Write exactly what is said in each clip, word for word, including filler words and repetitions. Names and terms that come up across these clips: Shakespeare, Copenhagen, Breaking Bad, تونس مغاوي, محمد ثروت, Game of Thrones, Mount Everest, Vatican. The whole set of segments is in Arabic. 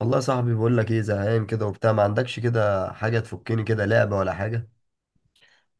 والله يا صاحبي بقول لك ايه زهقان كده وبتاع ما عندكش كده حاجه تفكني كده لعبه ولا حاجه؟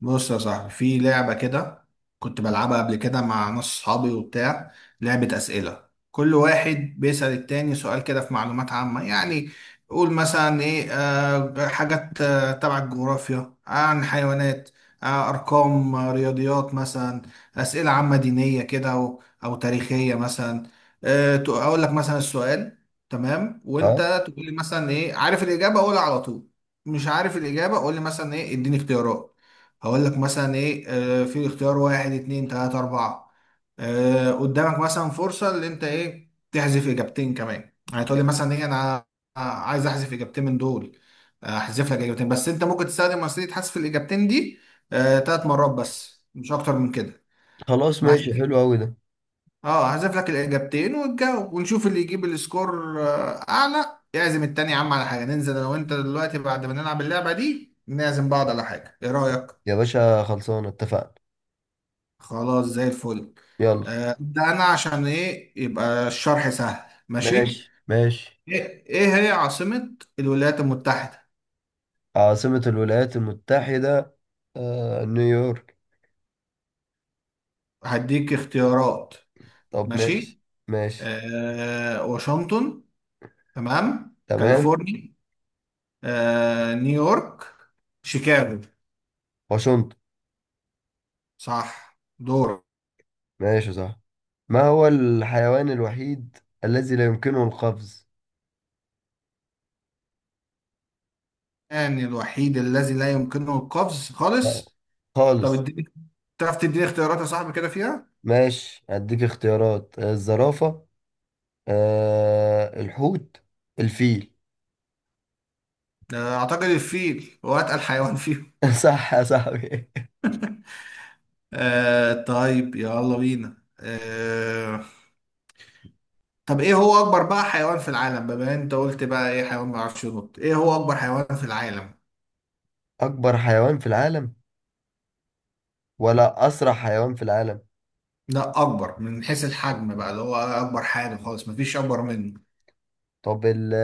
بص يا صاحبي في لعبة كده، كنت بلعبها قبل كده مع ناس صحابي وبتاع. لعبة أسئلة، كل واحد بيسأل التاني سؤال كده في معلومات عامة يعني. قول مثلا إيه، آه حاجات آه تبع الجغرافيا، آه، عن حيوانات، آه أرقام، آه رياضيات مثلا، أسئلة عامة دينية كده أو أو تاريخية مثلا. آه تق- أقول لك مثلا السؤال تمام وأنت اه. تقول لي مثلا إيه. عارف الإجابة قولها على طول، مش عارف الإجابة قول لي مثلا إيه، اديني اختيارات. هقول لك مثلا ايه، آه، في اختيار واحد اتنين تلاتة اربعة. آه، قدامك مثلا فرصة اللي انت ايه تحذف اجابتين كمان، يعني تقول لي مثلا ايه انا عايز احذف اجابتين من دول. آه، احذف لك اجابتين، بس انت ممكن تستخدم وسيلة حذف الاجابتين دي آه، تلات مرات بس مش اكتر من كده. خلاص ماشي بحذف- حلو قوي ده. اه، هحذف لك الاجابتين وتجاوب ونشوف اللي يجيب السكور آه، اعلى يعزم التاني. يا عم على حاجة، ننزل انا وانت دلوقتي بعد ما نلعب اللعبة دي نعزم بعض على حاجة، ايه رأيك؟ يا باشا خلصانه اتفقنا. خلاص زي الفل. يلا. آه، ده انا عشان ايه يبقى الشرح سهل، ماشي. ماشي ماشي. ايه إيه هي عاصمة الولايات المتحدة؟ عاصمه الولايات المتحده. آه نيويورك. هديك اختيارات طب ماشي. ماشي. ماشي. آه واشنطن، تمام، تمام. كاليفورنيا، آه نيويورك، شيكاغو. واشنطن. صح، دور. ماشي صح. ما هو الحيوان الوحيد الذي لا يمكنه القفز؟ يعني الوحيد الذي لا يمكنه القفز لا، خالص؟ طب خالص. اديني، تعرف تديني اختيارات يا صاحبي كده فيها. ماشي هديك اختيارات، آه، الزرافه. آه الحوت. الفيل. آه، اعتقد الفيل هو اتقل حيوان فيهم. صح يا صاحبي. آه طيب يلا بينا. آه طب ايه هو اكبر بقى حيوان في العالم؟ بما إن انت قلت بقى ايه حيوان ما بيعرفش ينط، ايه هو اكبر حيوان في العالم؟ أكبر حيوان في العالم ولا أسرع حيوان في العالم؟ لا، اكبر من حيث الحجم بقى، اللي هو اكبر حاجه خالص مفيش اكبر منه. طب. ال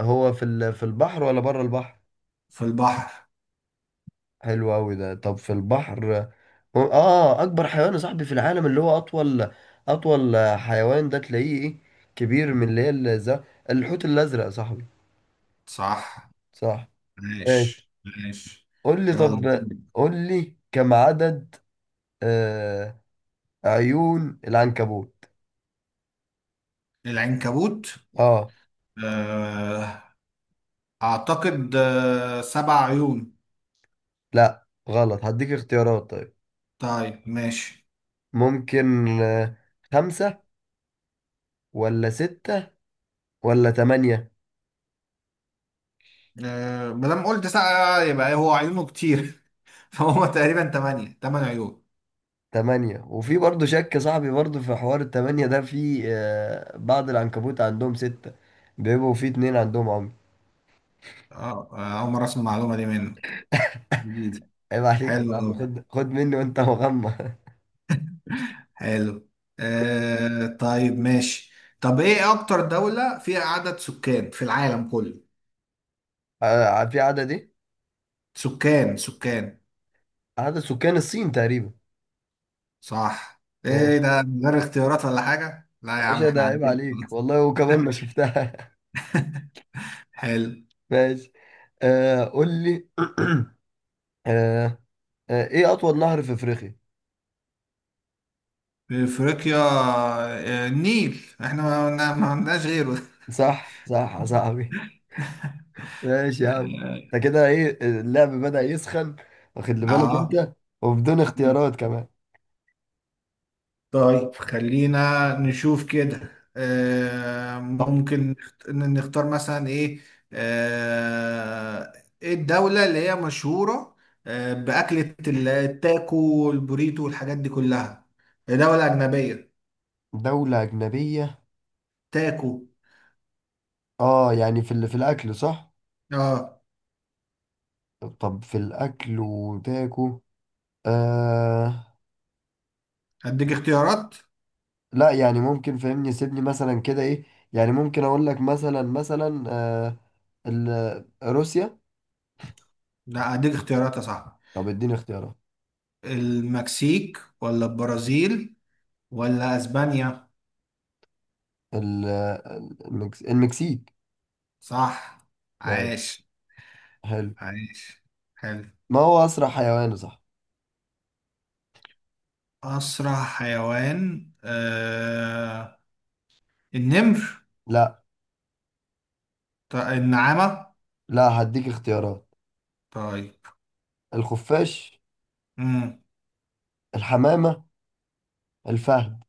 هو في ال في البحر ولا بره البحر؟ في البحر. حلو أوي ده. طب في البحر. هو- آه أكبر حيوان يا صاحبي في العالم اللي هو أطول أطول حيوان ده تلاقيه إيه؟ كبير من اللي هي ال- ز- الحوت الأزرق يا صاحبي. صح. صح. ماشي. ماشي ماشي. قول لي يلا. طب. قول لي كم عدد آه عيون العنكبوت؟ العنكبوت. آه. آه اعتقد آه سبع عيون. لا غلط، هديك اختيارات طيب. طيب ماشي. ممكن آه، خمسة ولا ستة ولا تمانية. آه ما دام قلت سبعة يبقى إيه، هو عيونه كتير، فهو تقريبا تمانية، تمن عيون. تمانية. وفي برضه شك صاحبي برضه في حوار التمانية ده، في آه، بعض العنكبوت عندهم ستة. بيبقوا في اتنين عندهم عمي. اه، آه، أول مرة أسمع المعلومة دي منك، جديد. عيب عليك يا صاحبي، حلو خد خد مني وانت مغمى. حلو. آه طيب ماشي. طب إيه أكتر دولة فيها عدد سكان في العالم كله؟ آه، في عدد ايه؟ سكان سكان. عدد سكان الصين تقريبا. صح، إيه ماشي ده من غير اختيارات ولا حاجة؟ لا يا يا عم باشا، ده إحنا عيب عندنا. عليك والله، وكمان ما شفتها. حلو. ماشي. آه قول لي. آه آه ايه أطول نهر في أفريقيا؟ أفريقيا، آه، النيل، إحنا ما ما- ما عندناش غيره. صح صح يا صاحبي. ماشي يا عم. انت كده ايه اللعب بدأ يسخن، واخد لي بالك آه انت. وبدون اختيارات كمان. طيب خلينا نشوف كده. آه طب. ممكن نخت- نختار مثلا ايه، آه ايه الدولة اللي هي مشهورة آه بأكلة ال- التاكو والبوريتو والحاجات دي كلها؟ هي دولة أجنبية. دولة أجنبية. تاكو. اه، يعني في ال- في الأكل صح؟ اه. طب في الأكل وتاكو. آه. هديك اختيارات. لا، يعني ممكن فهمني سيبني مثلا كده ايه. يعني ممكن أقول لك مثلا مثلا آه ال- روسيا. لا هديك اختيارات يا صاحبي. طب اديني اختيارات. المكسيك ولا البرازيل ولا أسبانيا؟ ال- المكس... المكسيك. صح. ماشي. عاش حلو. عاش. حلو. ما هو أسرع حيوان صح؟ أسرع حيوان آه... النمر. لا. ط- النعامة. لا هديك اختيارات. طيب. الخفاش. مم. الحمامة. الفهد.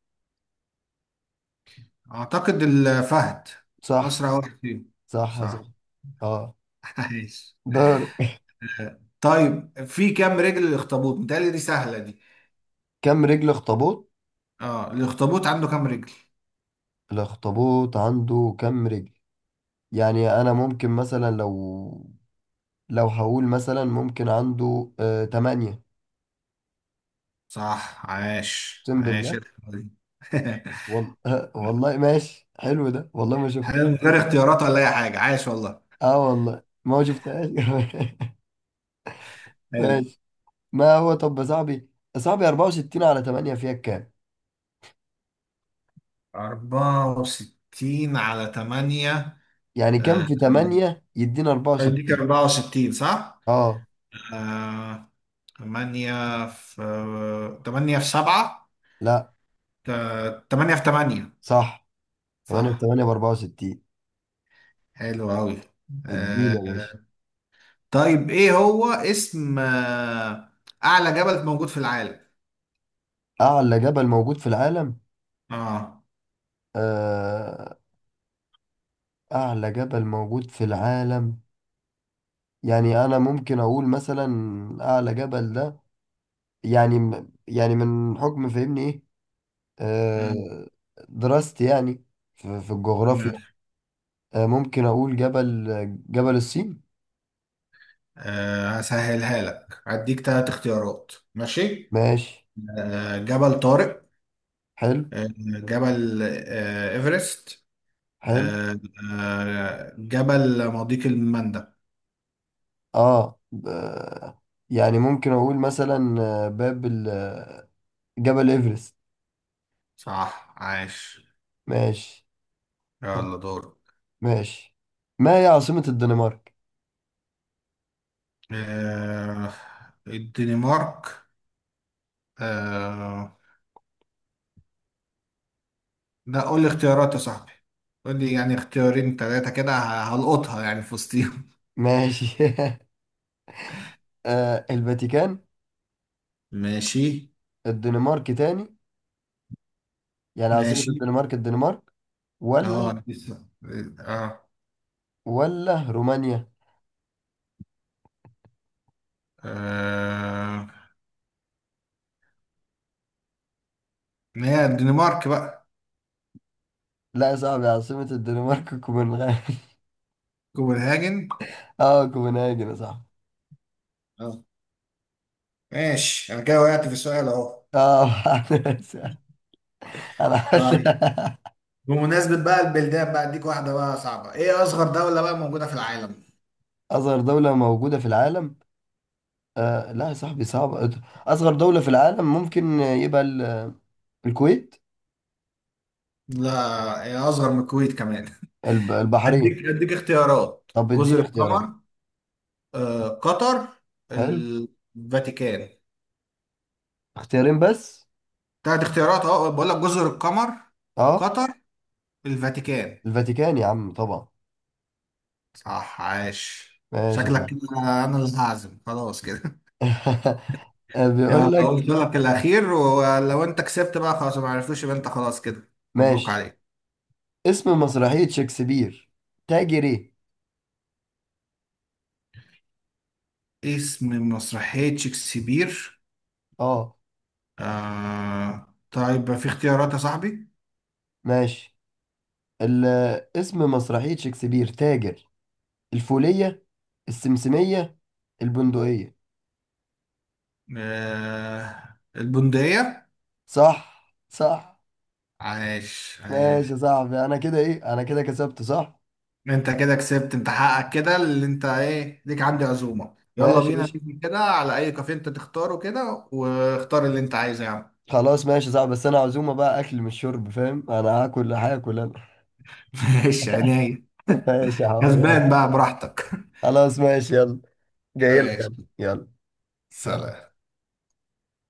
أعتقد الفهد صح. أسرع واحد فيهم. صح صح. صح. اه. عايش. دار. طيب في كام رجل الأخطبوط؟ متهيألي دي سهلة دي. كم رجل اخطبوط؟ اه، الأخطبوط عنده كام رجل؟ الاخطبوط عنده كم رجل؟ يعني انا ممكن مثلا لو، لو هقول مثلا ممكن عنده آه تمانية. صح، عاش اقسم بالله. عاش، الحلوة دي. والله. والله ماشي حلو ده، والله ما حلو، شفتها. من غير اختيارات ولا أي حاجة، عاش والله. اه والله ما شفتهاش. حلو. ماشي. ما هو طب يا صاحبي، يا صاحبي أربعة وستين على تمانية فيها كام؟ أربعة وستين على تمانية، يعني كام آه، في تمانية يدينا اديك أربعة وستين. أربعة وستين صح؟ اه. آه، تمانية في آه، تمانية في سبعة، لا. آه، تمانية في تمانية. صح. تمانية ب صح. تمانية ب أربعة وستين. حلو أوي. اديني آه، يا باشا. طيب إيه هو اسم آه، أعلى جبل موجود في العالم؟ اعلى جبل موجود في العالم؟ آه آه. اعلى جبل موجود في العالم، يعني انا ممكن اقول مثلا اعلى جبل ده، يعني م- يعني من حكم فهمني ايه، آه، مم، دراستي يعني في في الجغرافيا. ماشي. آه، ممكن اقول جبل جبل الصين. آه، هسهلها لك، هديك تلات اختيارات ماشي. ماشي. آه، جبل طارق، حلو. آه، جبل آه، إيفرست، حلو. آه، آه، جبل مضيق المندب. اه ب- يعني ممكن اقول مثلا آه، باب ال- آه، جبل ايفرست. صح عاش. ماشي. طب. يلا دور. ماشي. ما هي عاصمة الدنمارك؟ آه الدنمارك. آه لا قول لي اختيارات يا صاحبي، قول لي يعني اختيارين ثلاثة كده ه- هلقطها يعني في وسطيهم. ماشي. آه الفاتيكان. ماشي الدنمارك تاني، يعني عاصمة ماشي. الدنمارك الدنمارك ولا. اه لسه. اه. ولا رومانيا؟ آه، ما هي الدنمارك بقى. لا يا صاحبي، عاصمة الدنمارك كوبنهاجن. كوبنهاجن. اه كوبنهاجن يا صاحبي. اه، ماشي انا كده وقعت في السؤال اهو. اه. انا طيب حاسس- بمناسبة بقى البلدان بقى اديك واحدة بقى صعبة، ايه اصغر دولة بقى موجودة في العالم؟ اصغر دولة موجودة في العالم؟ آه لا يا صاحبي صعب. اصغر دولة في العالم ممكن يبقى ال- الكويت. لا، ايه اصغر من الكويت كمان؟ الب- البحرين. اديك اديك اختيارات، طب جزر اديني اختيارات. القمر، آه، قطر، حلو. الفاتيكان. اختيارين بس. تلات اختيارات، اه بقول لك جزر القمر، اه. قطر، الفاتيكان. الفاتيكان يا عم طبعا. صح عاش. ماشي يا شكلك صاحبي. كده انا اللي هعزم خلاص كده. بيقول يلا قلت لك. لك الاخير، ولو انت كسبت بقى خلاص ما عرفتوش يبقى انت خلاص كده، مبروك ماشي. عليك. اسم مسرحية شكسبير تاجر ايه؟ اسم مسرحية شكسبير. اه. آه... طيب في اختيارات يا صاحبي. ماشي. ال- اسم مسرحية شكسبير تاجر. الفولية. السمسمية. البندقية. آه... البندقية. صح صح. عاش ماشي عاش. يا صاحبي، انا كده ايه انا كده كسبت صح؟ انت كده كسبت، انت حقك كده اللي انت ايه ليك عندي عزومة، يلا ماشي يا بينا باشا. ننزل كده على اي كافيه انت تختاره كده، واختار اللي انت عايزه يا عم. خلاص ماشي يا صاحبي، بس انا عزومة بقى اكل مش شرب، فاهم؟ انا هاكل هاكل انا. ماشي عينيا. ماشي يا حبيبي يلا. كسبان بقى براحتك. خلاص ماشي يلا. جاي لك. ماشي. يلا. سلام. سلام.